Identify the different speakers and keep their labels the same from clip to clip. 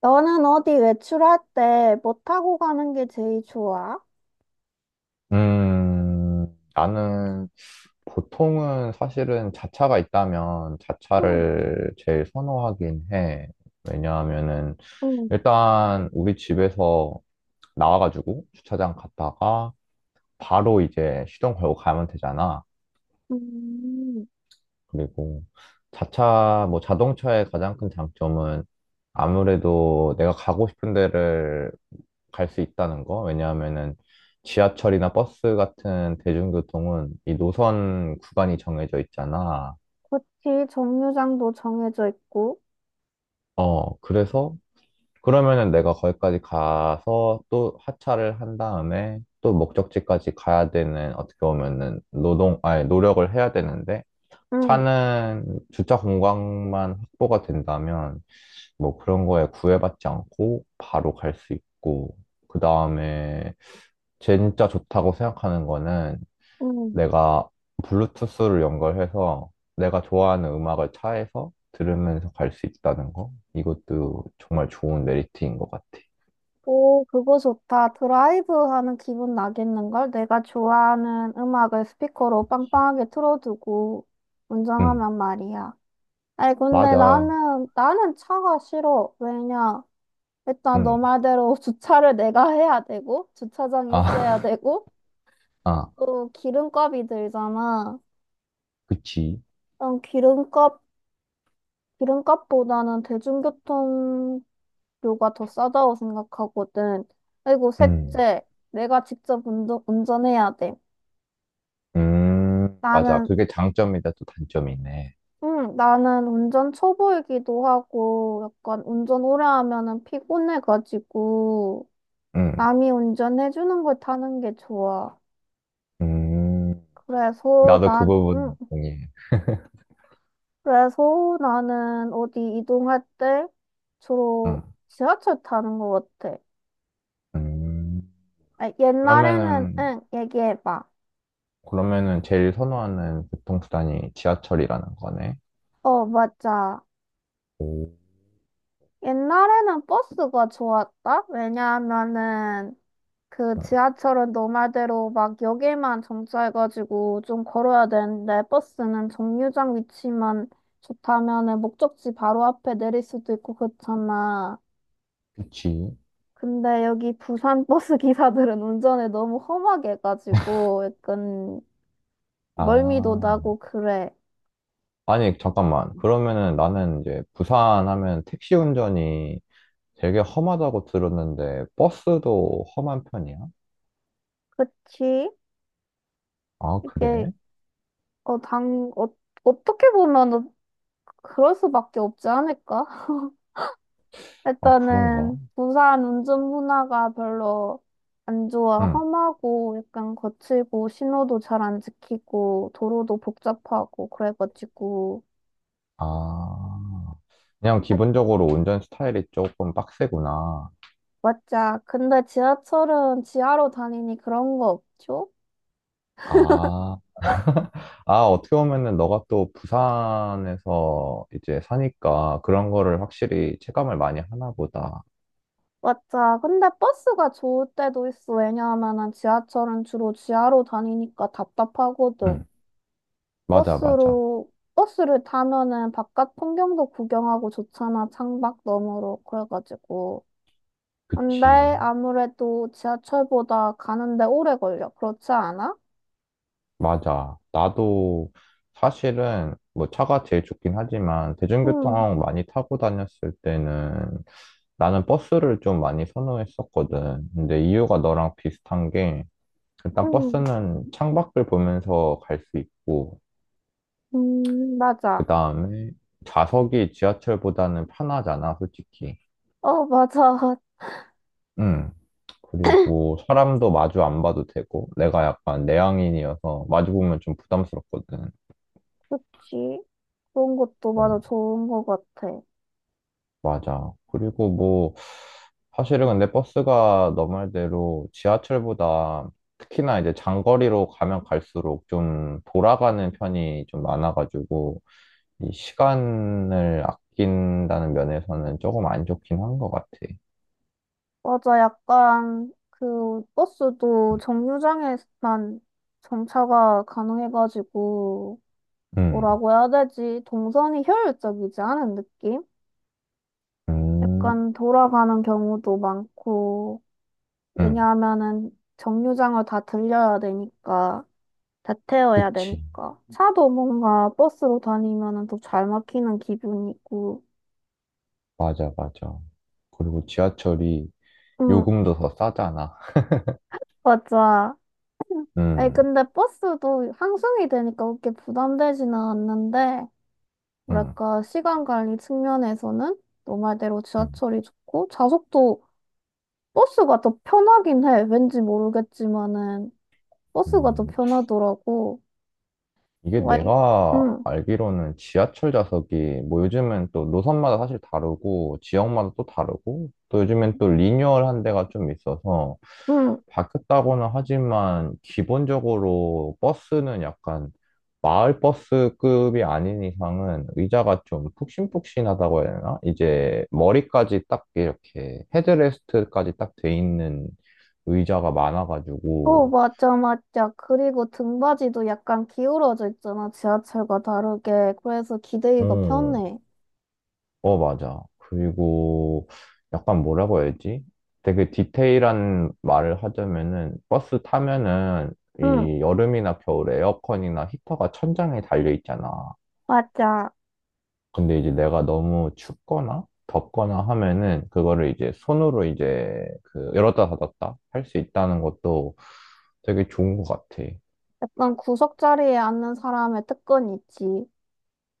Speaker 1: 너는 어디 외출할 때 뭐 타고 가는 게 제일 좋아?
Speaker 2: 음, 나는 보통은 사실은 자차가 있다면
Speaker 1: 응,
Speaker 2: 자차를 제일 선호하긴 해. 왜냐하면은
Speaker 1: 응,
Speaker 2: 일단 우리 집에서 나와가지고 주차장 갔다가 바로 이제 시동 걸고 가면 되잖아.
Speaker 1: 음.
Speaker 2: 그리고 자차, 뭐 자동차의 가장 큰 장점은 아무래도 내가 가고 싶은 데를 갈 수 있다는 거. 왜냐하면은 지하철이나 버스 같은 대중교통은 이 노선 구간이 정해져 있잖아.
Speaker 1: 그치, 정류장도 정해져 있고.
Speaker 2: 어, 그래서 그러면은 내가 거기까지 가서 또 하차를 한 다음에 또 목적지까지 가야 되는 어떻게 보면은 노동, 아니, 노력을 해야 되는데
Speaker 1: 응,
Speaker 2: 차는 주차 공간만 확보가 된다면 뭐 그런 거에 구애받지 않고 바로 갈 수 있고, 그 다음에 진짜 좋다고 생각하는 거는
Speaker 1: 응.
Speaker 2: 내가 블루투스를 연결해서 내가 좋아하는 음악을 차에서 들으면서 갈 수 있다는 거. 이것도 정말 좋은 메리트인 것 같아.
Speaker 1: 오, 그거 좋다. 드라이브 하는 기분 나겠는걸? 내가 좋아하는 음악을 스피커로 빵빵하게 틀어두고
Speaker 2: 응,
Speaker 1: 운전하면 말이야. 아이, 근데
Speaker 2: 맞아.
Speaker 1: 나는 차가 싫어. 왜냐? 일단 너
Speaker 2: 응,
Speaker 1: 말대로 주차를 내가 해야 되고, 주차장이 있어야
Speaker 2: 아,
Speaker 1: 되고,
Speaker 2: 아,
Speaker 1: 또 기름값이 들잖아.
Speaker 2: 그치.
Speaker 1: 난 기름값보다는 대중교통료가 더 싸다고 생각하거든. 그리고
Speaker 2: 응,
Speaker 1: 셋째, 내가 직접 운전해야 돼.
Speaker 2: 맞아.
Speaker 1: 나는,
Speaker 2: 그게 장점이다, 또 단점이네.
Speaker 1: 응, 나는 운전 초보이기도 하고, 약간 운전 오래 하면은 피곤해가지고,
Speaker 2: 응,
Speaker 1: 남이 운전해주는 걸 타는 게 좋아.
Speaker 2: 음,
Speaker 1: 그래서
Speaker 2: 나도 그
Speaker 1: 난, 응,
Speaker 2: 부분 동의해.
Speaker 1: 그래서 나는 어디 이동할 때 주로
Speaker 2: 응.
Speaker 1: 지하철 타는 것 같아.
Speaker 2: 음,
Speaker 1: 아, 옛날에는,
Speaker 2: 그러면은,
Speaker 1: 응, 얘기해봐.
Speaker 2: 그러면은 제일 선호하는 교통수단이 지하철이라는 거네.
Speaker 1: 어, 맞아.
Speaker 2: 오,
Speaker 1: 옛날에는 버스가 좋았다? 왜냐하면은 그
Speaker 2: 어,
Speaker 1: 지하철은 너 말대로 막 역에만 정차해가지고 좀 걸어야 되는데 버스는 정류장 위치만 좋다면은 목적지 바로 앞에 내릴 수도 있고 그렇잖아.
Speaker 2: 그치.
Speaker 1: 근데 여기 부산 버스 기사들은 운전을 너무 험하게 해가지고 약간 멀미도
Speaker 2: 아,
Speaker 1: 나고 그래.
Speaker 2: 아니, 잠깐만. 그러면은 나는 이제 부산 하면 택시 운전이 되게 험하다고 들었는데, 버스도 험한 편이야?
Speaker 1: 그치?
Speaker 2: 아,
Speaker 1: 이게
Speaker 2: 그래?
Speaker 1: 어, 당, 어, 어떻게 보면 그럴 수밖에 없지 않을까?
Speaker 2: 아, 그런가?
Speaker 1: 일단은 부산 운전 문화가 별로 안 좋아.
Speaker 2: 응.
Speaker 1: 험하고 약간 거칠고 신호도 잘 안 지키고 도로도 복잡하고 그래가지고
Speaker 2: 아, 그냥 기본적으로 운전 스타일이 조금 빡세구나.
Speaker 1: 맞자. 근데 지하철은 지하로 다니니 그런 거 없죠?
Speaker 2: 아, 아, 어떻게 보면은 너가 또 부산에서 이제 사니까 그런 거를 확실히 체감을 많이 하나 보다.
Speaker 1: 맞아. 근데 버스가 좋을 때도 있어. 왜냐하면은 지하철은 주로 지하로 다니니까 답답하거든.
Speaker 2: 응, 맞아, 맞아.
Speaker 1: 버스를 타면은 바깥 풍경도 구경하고 좋잖아. 창밖 너머로. 그래가지고. 근데
Speaker 2: 그치.
Speaker 1: 아무래도 지하철보다 가는데 오래 걸려. 그렇지 않아?
Speaker 2: 맞아. 나도 사실은 뭐 차가 제일 좋긴 하지만
Speaker 1: 응,
Speaker 2: 대중교통 많이 타고 다녔을 때는 나는 버스를 좀 많이 선호했었거든. 근데 이유가 너랑 비슷한 게 일단
Speaker 1: 응,
Speaker 2: 버스는 창밖을 보면서 갈 수 있고 그
Speaker 1: 맞아.
Speaker 2: 다음에 좌석이 지하철보다는 편하잖아, 솔직히.
Speaker 1: 어, 맞아.
Speaker 2: 음. 그리고 사람도 마주 안 봐도 되고, 내가 약간 내향인이어서 마주 보면 좀 부담스럽거든.
Speaker 1: 그치. 그런 것도 맞아.
Speaker 2: 음.
Speaker 1: 좋은 것 같아.
Speaker 2: 맞아. 그리고 뭐, 사실은 근데 버스가 너 말대로 지하철보다 특히나 이제 장거리로 가면 갈수록 좀 돌아가는 편이 좀 많아가지고, 이 시간을 아낀다는 면에서는 조금 안 좋긴 한 것 같아.
Speaker 1: 맞아, 약간 그 버스도 정류장에만 정차가 가능해가지고
Speaker 2: 음,
Speaker 1: 뭐라고 해야 되지? 동선이 효율적이지 않은 느낌?
Speaker 2: 음.
Speaker 1: 약간 돌아가는 경우도 많고
Speaker 2: 응,
Speaker 1: 왜냐하면은 정류장을 다 들려야 되니까 다 태워야
Speaker 2: 그치.
Speaker 1: 되니까 차도 뭔가 버스로 다니면은 더 잘 막히는 기분이고
Speaker 2: 맞아, 맞아. 그리고 지하철이
Speaker 1: 응
Speaker 2: 요금도 더 싸잖아.
Speaker 1: 맞아. 아니
Speaker 2: 응,
Speaker 1: 근데 버스도 항승이 되니까 그렇게 부담되지는 않는데
Speaker 2: 응,
Speaker 1: 뭐랄까, 시간 관리 측면에서는 너 말대로
Speaker 2: 응,
Speaker 1: 지하철이 좋고, 좌석도 버스가 더 편하긴 해. 왠지 모르겠지만은, 버스가 더
Speaker 2: 응.
Speaker 1: 편하더라고.
Speaker 2: 이게
Speaker 1: 와이,
Speaker 2: 내가
Speaker 1: 응,
Speaker 2: 알기로는 지하철 좌석이 뭐 요즘은 또 노선마다 사실 다르고 지역마다 또 다르고 또 요즘엔 또 리뉴얼한 데가 좀 있어서
Speaker 1: 응.
Speaker 2: 바뀌었다고는 하지만 기본적으로 버스는 약간 마을 버스급이 아닌 이상은 의자가 좀 푹신푹신하다고 해야 되나? 이제 머리까지 딱 이렇게 헤드레스트까지 딱 돼 있는 의자가
Speaker 1: 어,
Speaker 2: 많아가지고
Speaker 1: 맞아, 맞아. 그리고 등받이도 약간 기울어져 있잖아, 지하철과 다르게. 그래서 기대기가
Speaker 2: 음.
Speaker 1: 편해.
Speaker 2: 어, 맞아. 그리고 약간 뭐라고 해야지? 되게 디테일한 말을 하자면은 버스 타면은
Speaker 1: 응,
Speaker 2: 이 여름이나 겨울에 에어컨이나 히터가 천장에 달려 있잖아.
Speaker 1: 맞아.
Speaker 2: 근데 이제 내가 너무 춥거나 덥거나 하면은 그거를 이제 손으로 이제 그 열었다 닫았다 할 수 있다는 것도 되게 좋은 것 같아.
Speaker 1: 약간 구석 자리에 앉는 사람의 특권이 있지.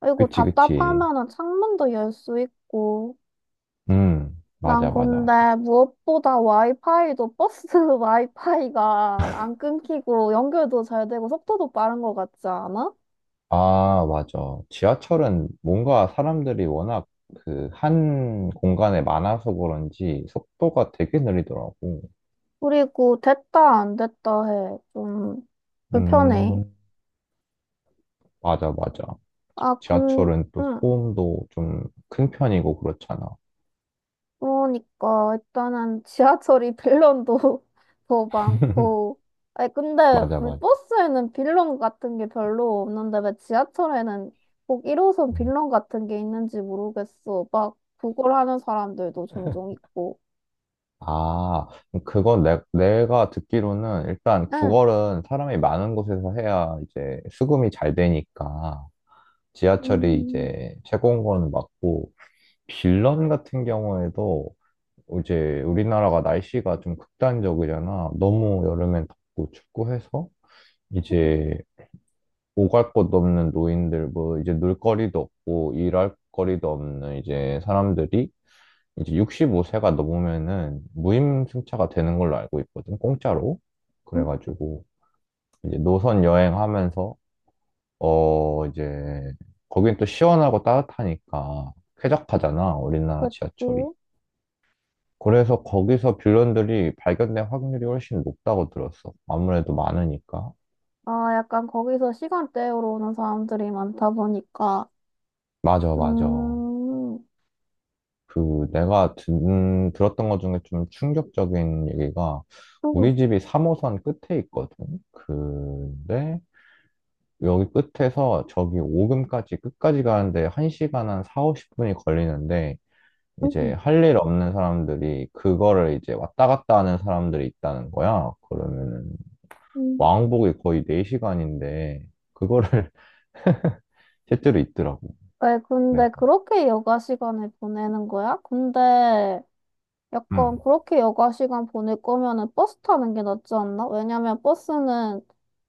Speaker 1: 그리고
Speaker 2: 그치, 그치.
Speaker 1: 답답하면은 창문도 열 수 있고.
Speaker 2: 음,
Speaker 1: 난
Speaker 2: 맞아, 맞아.
Speaker 1: 근데 무엇보다 와이파이도 버스 와이파이가 안 끊기고 연결도 잘 되고 속도도 빠른 것 같지 않아?
Speaker 2: 아, 맞아. 지하철은 뭔가 사람들이 워낙 그 한 공간에 많아서 그런지 속도가 되게 느리더라고.
Speaker 1: 그리고 됐다 안 됐다 해. 좀 불편해.
Speaker 2: 음, 맞아, 맞아.
Speaker 1: 아, 군,
Speaker 2: 지하철은 또
Speaker 1: 응.
Speaker 2: 소음도 좀 큰 편이고 그렇잖아.
Speaker 1: 그러니까 일단은 지하철이 빌런도 더 많고 아니 근데
Speaker 2: 맞아,
Speaker 1: 왜
Speaker 2: 맞아.
Speaker 1: 버스에는 빌런 같은 게 별로 없는데 왜 지하철에는 꼭 1호선 빌런 같은 게 있는지 모르겠어 막 구걸 하는 사람들도 종종 있고
Speaker 2: 아, 그건 내가 듣기로는 일단
Speaker 1: 응
Speaker 2: 구걸은 사람이 많은 곳에서 해야 이제 수금이 잘 되니까 지하철이
Speaker 1: 음,
Speaker 2: 이제 최고인 건 맞고 빌런 같은 경우에도 이제 우리나라가 날씨가 좀 극단적이잖아. 너무 여름엔 덥고 춥고 해서 이제 오갈 곳도 없는 노인들, 뭐 이제 놀 거리도 없고 일할 거리도 없는 이제 사람들이 이제 65세가 넘으면은 무임승차가 되는 걸로 알고 있거든. 공짜로. 그래가지고 이제 노선 여행하면서 어 이제 거긴 또 시원하고 따뜻하니까 쾌적하잖아. 우리나라
Speaker 1: 그치.
Speaker 2: 지하철이. 그래서 거기서 빌런들이 발견될 확률이 훨씬 높다고 들었어. 아무래도 많으니까.
Speaker 1: 아, 약간 거기서 시간 때우러 오는 사람들이 많다 보니까
Speaker 2: 맞아, 맞아.
Speaker 1: 음
Speaker 2: 그 내가 듣 들었던 것 중에 좀 충격적인 얘기가
Speaker 1: 음,
Speaker 2: 우리 집이 3호선 끝에 있거든. 근데 여기 끝에서 저기 오금까지 끝까지 가는데 1시간 한 4, 50분이 걸리는데 이제
Speaker 1: 음.
Speaker 2: 할 일 없는 사람들이 그거를 이제 왔다 갔다 하는 사람들이 있다는 거야. 그러면은
Speaker 1: 음.
Speaker 2: 왕복이 거의 4시간인데 그거를 실제로 있더라고.
Speaker 1: 왜
Speaker 2: 네.
Speaker 1: 근데 그렇게 여가 시간을 보내는 거야? 근데 약간
Speaker 2: 응,
Speaker 1: 그렇게 여가 시간 보낼 거면은 버스 타는 게 낫지 않나? 왜냐면 버스는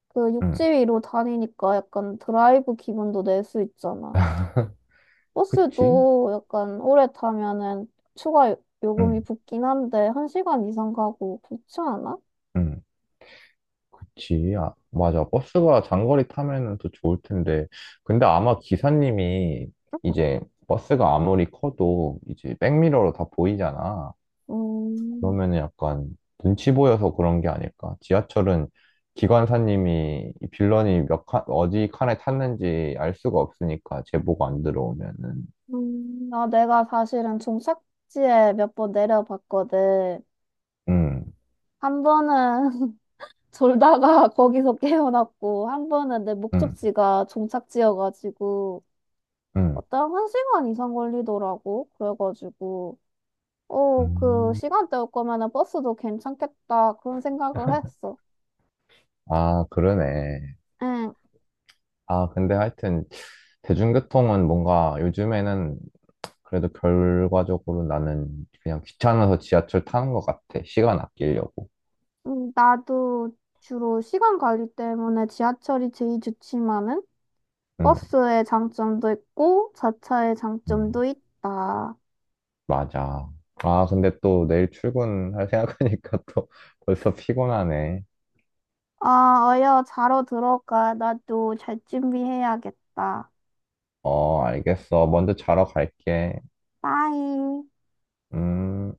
Speaker 1: 그 육지
Speaker 2: 응,
Speaker 1: 위로 다니니까 약간 드라이브 기분도 낼 수 있잖아.
Speaker 2: 그치?
Speaker 1: 버스도 약간 오래 타면은 요금이
Speaker 2: 응,
Speaker 1: 붙긴 한데 한 시간 이상 가고 그렇지 않아?
Speaker 2: 응. 그치. 아, 맞아. 버스가 장거리 타면은 더 좋을 텐데. 근데 아마 기사님이 이제 버스가 아무리 커도 이제 백미러로 다 보이잖아.
Speaker 1: 음,
Speaker 2: 그러면은 약간 눈치 보여서 그런 게 아닐까. 지하철은 기관사님이 이 빌런이 몇 칸, 어디 칸에 탔는지 알 수가 없으니까 제보가 안 들어오면은.
Speaker 1: 음, 아, 내가 사실은 종착지에 몇 번 내려봤거든.
Speaker 2: 응,
Speaker 1: 한 번은 졸다가 거기서 깨어났고, 한 번은 내
Speaker 2: 응,
Speaker 1: 목적지가 종착지여가지고,
Speaker 2: 응,
Speaker 1: 어떤 한 시간 이상 걸리더라고. 그래가지고, 어, 그
Speaker 2: 응.
Speaker 1: 시간대 올 거면은 버스도 괜찮겠다. 그런 생각을 했어.
Speaker 2: 아, 그러네.
Speaker 1: 응,
Speaker 2: 아, 근데 하여튼 대중교통은 뭔가 요즘에는 그래도 결과적으로 나는 그냥 귀찮아서 지하철 타는 것 같아. 시간 아끼려고.
Speaker 1: 나도 주로 시간 관리 때문에 지하철이 제일 좋지만은,
Speaker 2: 응,
Speaker 1: 버스의 장점도 있고, 자차의
Speaker 2: 응,
Speaker 1: 장점도 있다.
Speaker 2: 맞아. 아, 근데 또 내일 출근할 생각하니까 또 벌써 피곤하네.
Speaker 1: 아, 어여, 자러 들어가. 나도 잘 준비해야겠다.
Speaker 2: 어, 알겠어. 먼저 자러 갈게.
Speaker 1: 빠이.
Speaker 2: 음.